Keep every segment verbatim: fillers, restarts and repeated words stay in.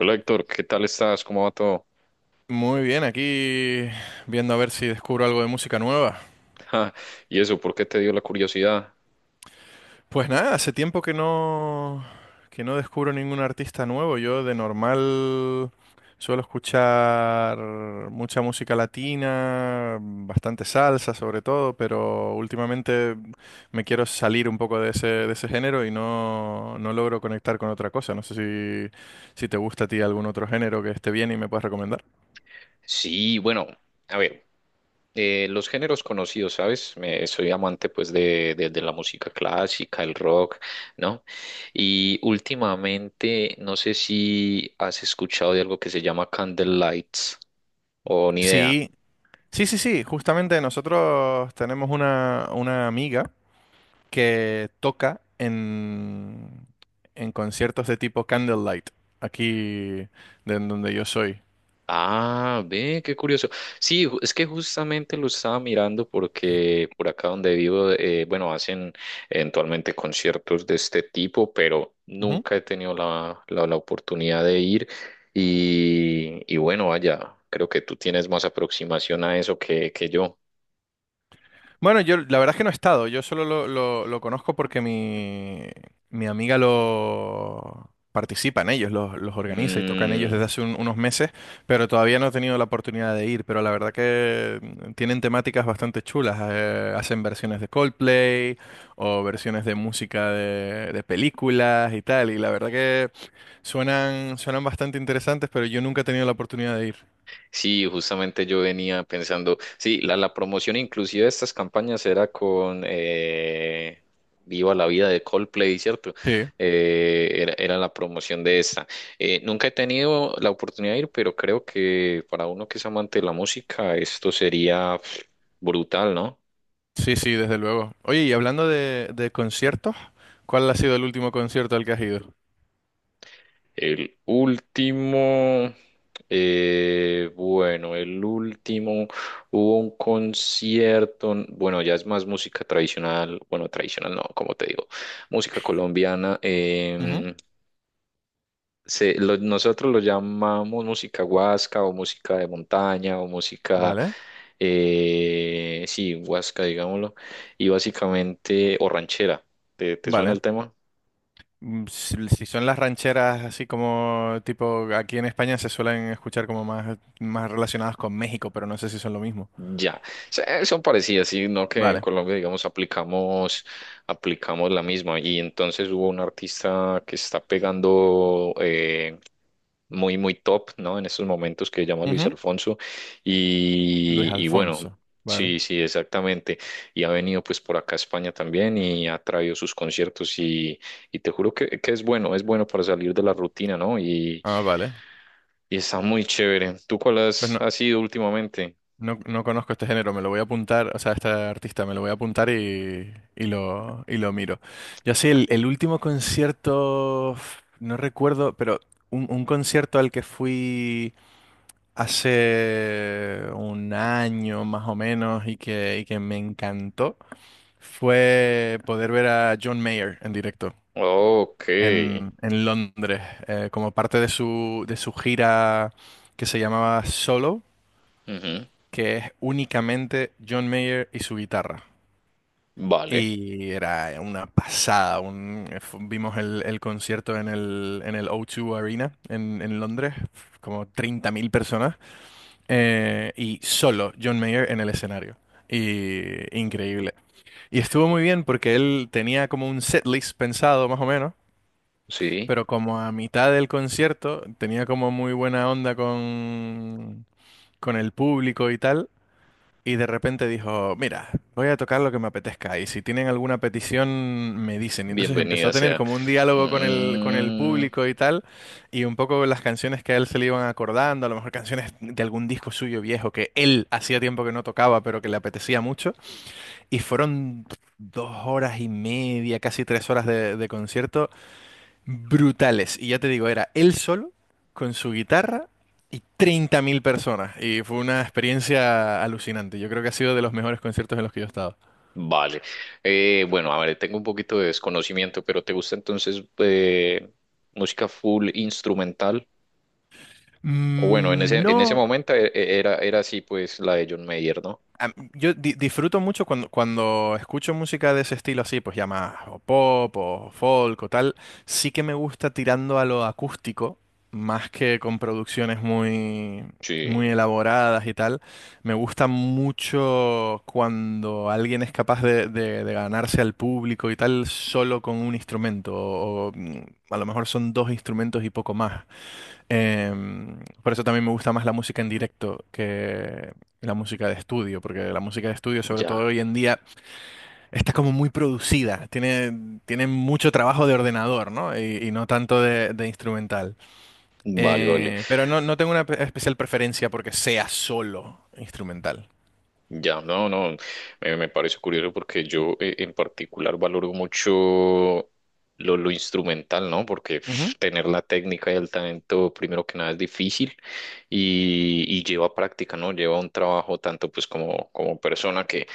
Hola Héctor, ¿qué tal estás? ¿Cómo va todo? Muy bien, aquí viendo a ver si descubro algo de música nueva. Ja, ¿y eso por qué te dio la curiosidad? Pues nada, hace tiempo que no que no descubro ningún artista nuevo. Yo de normal suelo escuchar mucha música latina, bastante salsa sobre todo, pero últimamente me quiero salir un poco de ese de ese género y no no logro conectar con otra cosa. No sé si si te gusta a ti algún otro género que esté bien y me puedas recomendar. Sí, bueno, a ver, eh, los géneros conocidos, ¿sabes? Me, soy amante pues de, de, de la música clásica, el rock, ¿no? Y últimamente, no sé si has escuchado de algo que se llama Candlelights o ni idea. Sí, sí, sí, sí, justamente nosotros tenemos una, una amiga que toca en, en conciertos de tipo Candlelight, aquí de en donde yo soy. Ah, ve, qué curioso. Sí, ju- es que justamente lo estaba mirando porque por acá donde vivo, eh, bueno, hacen eventualmente conciertos de este tipo, pero nunca he tenido la, la, la oportunidad de ir. Y, y bueno, vaya, creo que tú tienes más aproximación a eso que, que yo. Bueno, yo la verdad es que no he estado, yo solo lo, lo- lo conozco porque mi, mi amiga lo participa en ellos, los, los organiza y toca en ellos Mm. desde hace un- unos meses, pero todavía no he tenido la oportunidad de ir, pero la verdad que mm, tienen temáticas bastante chulas, eh, hacen versiones de Coldplay o versiones de música de, de películas y tal, y la verdad que suenan, suenan bastante interesantes, pero yo nunca he tenido la oportunidad de Sí, justamente yo venía pensando, sí, la, la promoción inclusive de estas campañas era con eh, Viva la vida de Coldplay, ¿cierto? ir. Eh, era, era la promoción de esta. Eh, nunca he tenido la oportunidad de ir, pero creo que para uno que es amante de la música, esto sería pf, brutal, ¿no? Sí, sí, desde luego. Oye, y hablando de, de conciertos, ¿cuál ha sido el último concierto al que has ido? El último, eh, bueno, el último hubo un concierto, n- bueno, ya es más música tradicional, bueno, tradicional no, como te digo, música colombiana. Ujú. Em, se- lo- nosotros lo llamamos música huasca o música de montaña o música, Vale, eh, sí, huasca, digámoslo, y básicamente, o ranchera. ¿Te, te suena vale. el tema? Mm, Si, si son las rancheras así como tipo aquí en España se suelen escuchar como más, más relacionadas con México, pero no sé si son lo mismo. Ya. Sí, son parecidas, sino que en Vale. Colombia, digamos, aplicamos, aplicamos la misma. Y entonces hubo un artista que está pegando eh, muy, muy top, ¿no? En estos momentos que se llama Luis Ujú. Alfonso. Luis Y, y bueno, Alfonso. Vale. sí, sí, exactamente. Y ha venido pues por acá a España también y ha traído sus conciertos y, y te juro que, que es bueno, es bueno para salir de la rutina, ¿no? Y, Ah, vale. y está muy chévere. ¿Tú cuál Pues has, no. has ido últimamente? No, no conozco este género, me lo voy a apuntar, o sea, este artista me lo voy a apuntar y, y lo, y lo miro. Yo sí, el, el último concierto, f- no recuerdo, pero un, un concierto al que fui hace un año más o menos y que, y que me encantó fue poder ver a John Mayer en directo Ok. en, en Londres, eh, como parte de su, de su gira que se llamaba Solo, Ujú, que es únicamente John Mayer y su guitarra. vale, Y era una pasada. Un- fu- vimos el, el concierto en el, en el O dos Arena en, en Londres, como treinta mil personas, eh, y solo John Mayer en el escenario. Y increíble. Y estuvo muy bien porque él tenía como un setlist pensado, más o menos, sí, pero como a mitad del concierto tenía como muy buena onda con, con el público y tal. Y de repente dijo: mira, voy a tocar lo que me apetezca y si tienen alguna petición me dicen. Y entonces empezó a bienvenida tener sea. como un diálogo con el, con el Mm, público y tal, y un poco las canciones que a él se le iban acordando, a lo mejor canciones de algún disco suyo viejo que él hacía tiempo que no tocaba, pero que le apetecía mucho. Y fueron dos horas y media, casi tres horas de, de concierto brutales. Y ya te digo, era él solo, con su guitarra y treinta mil personas. Y fue una experiencia alucinante. Yo creo que ha sido de los mejores conciertos en los que yo he estado. vale. Eh, bueno, a ver, tengo un poquito de desconocimiento, pero ¿te gusta entonces eh, música full instrumental? O bueno, en Mm, ese, en ese No, momento e- e- era, era así pues la de John Mayer, ¿no? a- yo di- disfruto mucho cuando, cuando escucho música de ese estilo así, pues ya más o pop o folk o tal, sí que me gusta tirando a lo acústico, más que con producciones muy, Sí, muy elaboradas y tal. Me gusta mucho cuando alguien es capaz de, de- de ganarse al público y tal solo con un instrumento, o, o, mm, a lo mejor son dos instrumentos y poco más. Em, por eso también me gusta más la música en directo que la música de estudio, porque la música de estudio, sobre todo ya, hoy en día, está como muy producida, tiene, tiene mucho trabajo de ordenador, ¿no? Y, y no tanto de, de instrumental. vale, vale. Eh, pero no, no tengo una pe- especial preferencia porque sea solo instrumental. Ya, no, no, me, me parece curioso porque yo eh, en particular valoro mucho lo, lo instrumental, ¿no? Porque pf, Ujú. tener la técnica y el talento, primero que nada, es difícil y, y lleva práctica, ¿no? Lleva un trabajo tanto pues como, como persona que,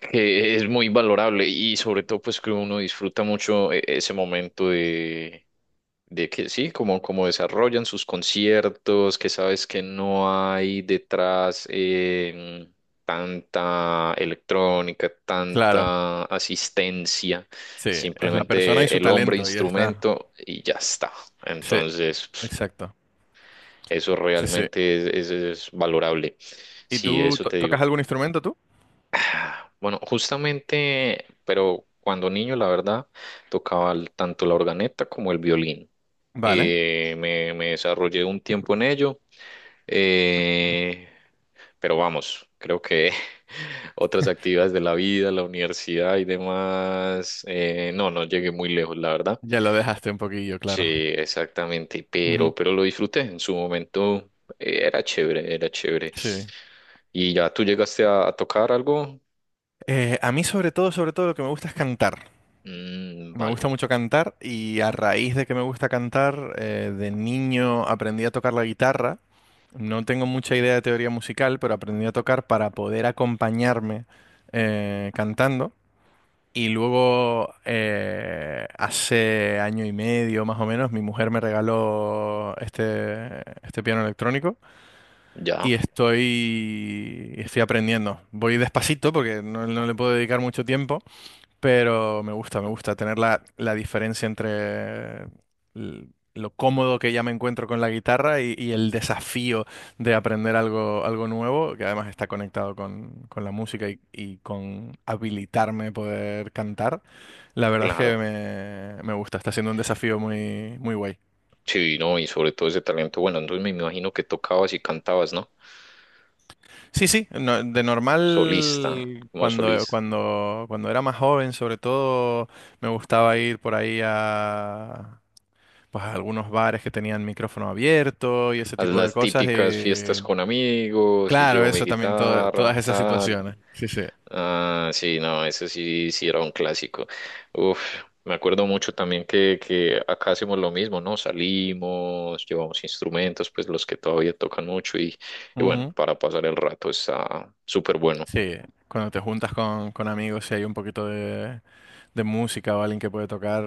que es muy valorable y sobre todo pues que uno disfruta mucho eh, ese momento de, de que sí, como, como desarrollan sus conciertos, que sabes que no hay detrás eh, tanta electrónica, Claro, tanta asistencia, sí, es la persona y simplemente su el hombre talento, y ya está. instrumento y ya está. Sí, Entonces, pf, exacto. eso Sí, sí. realmente es, es es valorable. ¿Y Sí, tú eso to- te tocas digo. algún instrumento tú? Ah, bueno, justamente, pero cuando niño, la verdad, tocaba el- tanto la organeta como el violín. Vale, Eh, me, me desarrollé un tiempo en ello, eh, pero vamos, creo que otras actividades de la vida, la universidad y demás, eh, no, no llegué muy lejos, la verdad. ya lo dejaste un poquillo, Sí, claro. exactamente, pero, pero lo disfruté en su momento, eh, era chévere, era chévere. Sí. ¿Y ya tú llegaste a a tocar algo? Eh, a mí sobre todo, sobre todo lo que me gusta es cantar. Mm, Me gusta vale, mucho cantar y a raíz de que me gusta cantar, eh, de niño aprendí a tocar la guitarra. No tengo mucha idea de teoría musical, pero aprendí a tocar para poder acompañarme eh, cantando. Y luego, eh, hace año y medio más o menos, mi mujer me regaló este, este piano electrónico y ya, estoy, estoy aprendiendo. Voy despacito porque no no le puedo dedicar mucho tiempo. Pero me gusta, me gusta tener la, la diferencia entre l- lo cómodo que ya me encuentro con la guitarra y, y, el desafío de aprender algo, algo nuevo, que además está conectado con, con la música y, y con habilitarme a poder cantar. La verdad es que claro. me, me gusta, está siendo un desafío muy, muy guay. Sí, no, y sobre todo ese talento. Bueno, entonces me imagino que tocabas y cantabas, ¿no? Sí, sí, no- de Solista, normal, como cuando, solista. cuando, cuando era más joven, sobre todo, me gustaba ir por ahí a pues algunos bares que tenían micrófono abierto y ese Haz tipo de las cosas. típicas fiestas Y con amigos y claro, llevo mi eso también, to- todas guitarra, esas tal. situaciones. Sí, sí. Ah, sí, no, ese sí, sí era un clásico. Uf, me acuerdo mucho también que, que acá hacemos lo mismo, ¿no? Salimos, llevamos instrumentos, pues los que todavía tocan mucho y, y bueno, Ujú. para pasar el rato está súper bueno. Sí, cuando te juntas con, con amigos y hay un poquito de, de música o alguien que puede tocar,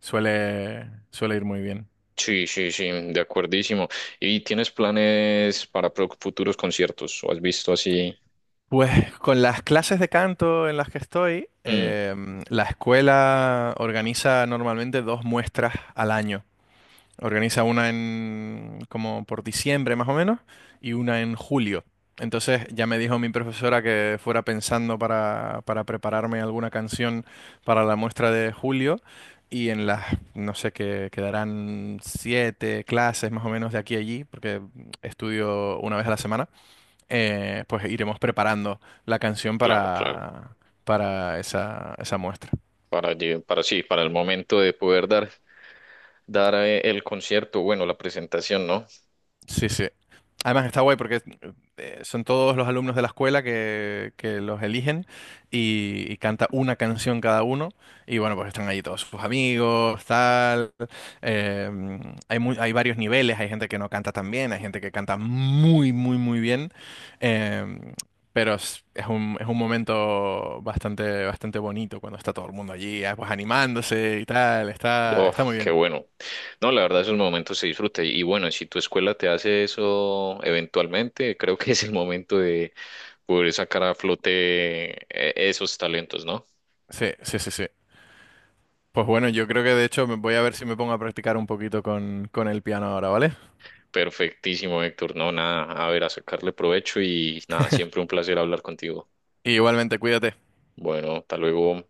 suele, suele ir muy bien. Sí, sí, sí, de acuerdísimo. ¿Y tienes planes para pro- futuros conciertos? ¿O has visto así? Pues con las clases de canto en las que estoy, Mm, em, la escuela organiza normalmente dos muestras al año. Organiza una en como por diciembre más o menos y una en julio. Entonces ya me dijo mi profesora que fuera pensando para, para prepararme alguna canción para la muestra de julio y en las, no sé, que quedarán siete clases más o menos de aquí a allí, porque estudio una vez a la semana, eh, pues iremos preparando la canción claro, claro. para, para esa, esa muestra. Para, lle- para sí, para el momento de poder dar, dar eh, el concierto, bueno, la presentación, ¿no? Sí, sí. Además está guay porque eh, son todos los alumnos de la escuela que, que los eligen, y, y canta una canción cada uno y bueno, pues están ahí todos sus amigos, tal. Eh, hay, mu- hay varios niveles, hay gente que no canta tan bien, hay gente que canta muy, muy, muy bien, eh, pero es, es un, es un momento bastante, bastante bonito cuando está todo el mundo allí, ah, pues animándose y tal, está, Oh, está muy qué bien. bueno. No, la verdad, esos momentos se disfruta. Y bueno, si tu escuela te hace eso eventualmente, creo que es el momento de poder sacar a flote eh, esos talentos, ¿no? Sí, sí, sí, sí. Pues bueno, yo creo que de hecho me voy a ver si me pongo a practicar un poquito con, con el piano ahora, ¿vale? Perfectísimo, Héctor. No, nada, a ver, a sacarle provecho y nada, siempre un placer hablar contigo. Y igualmente, cuídate. Bueno, hasta luego.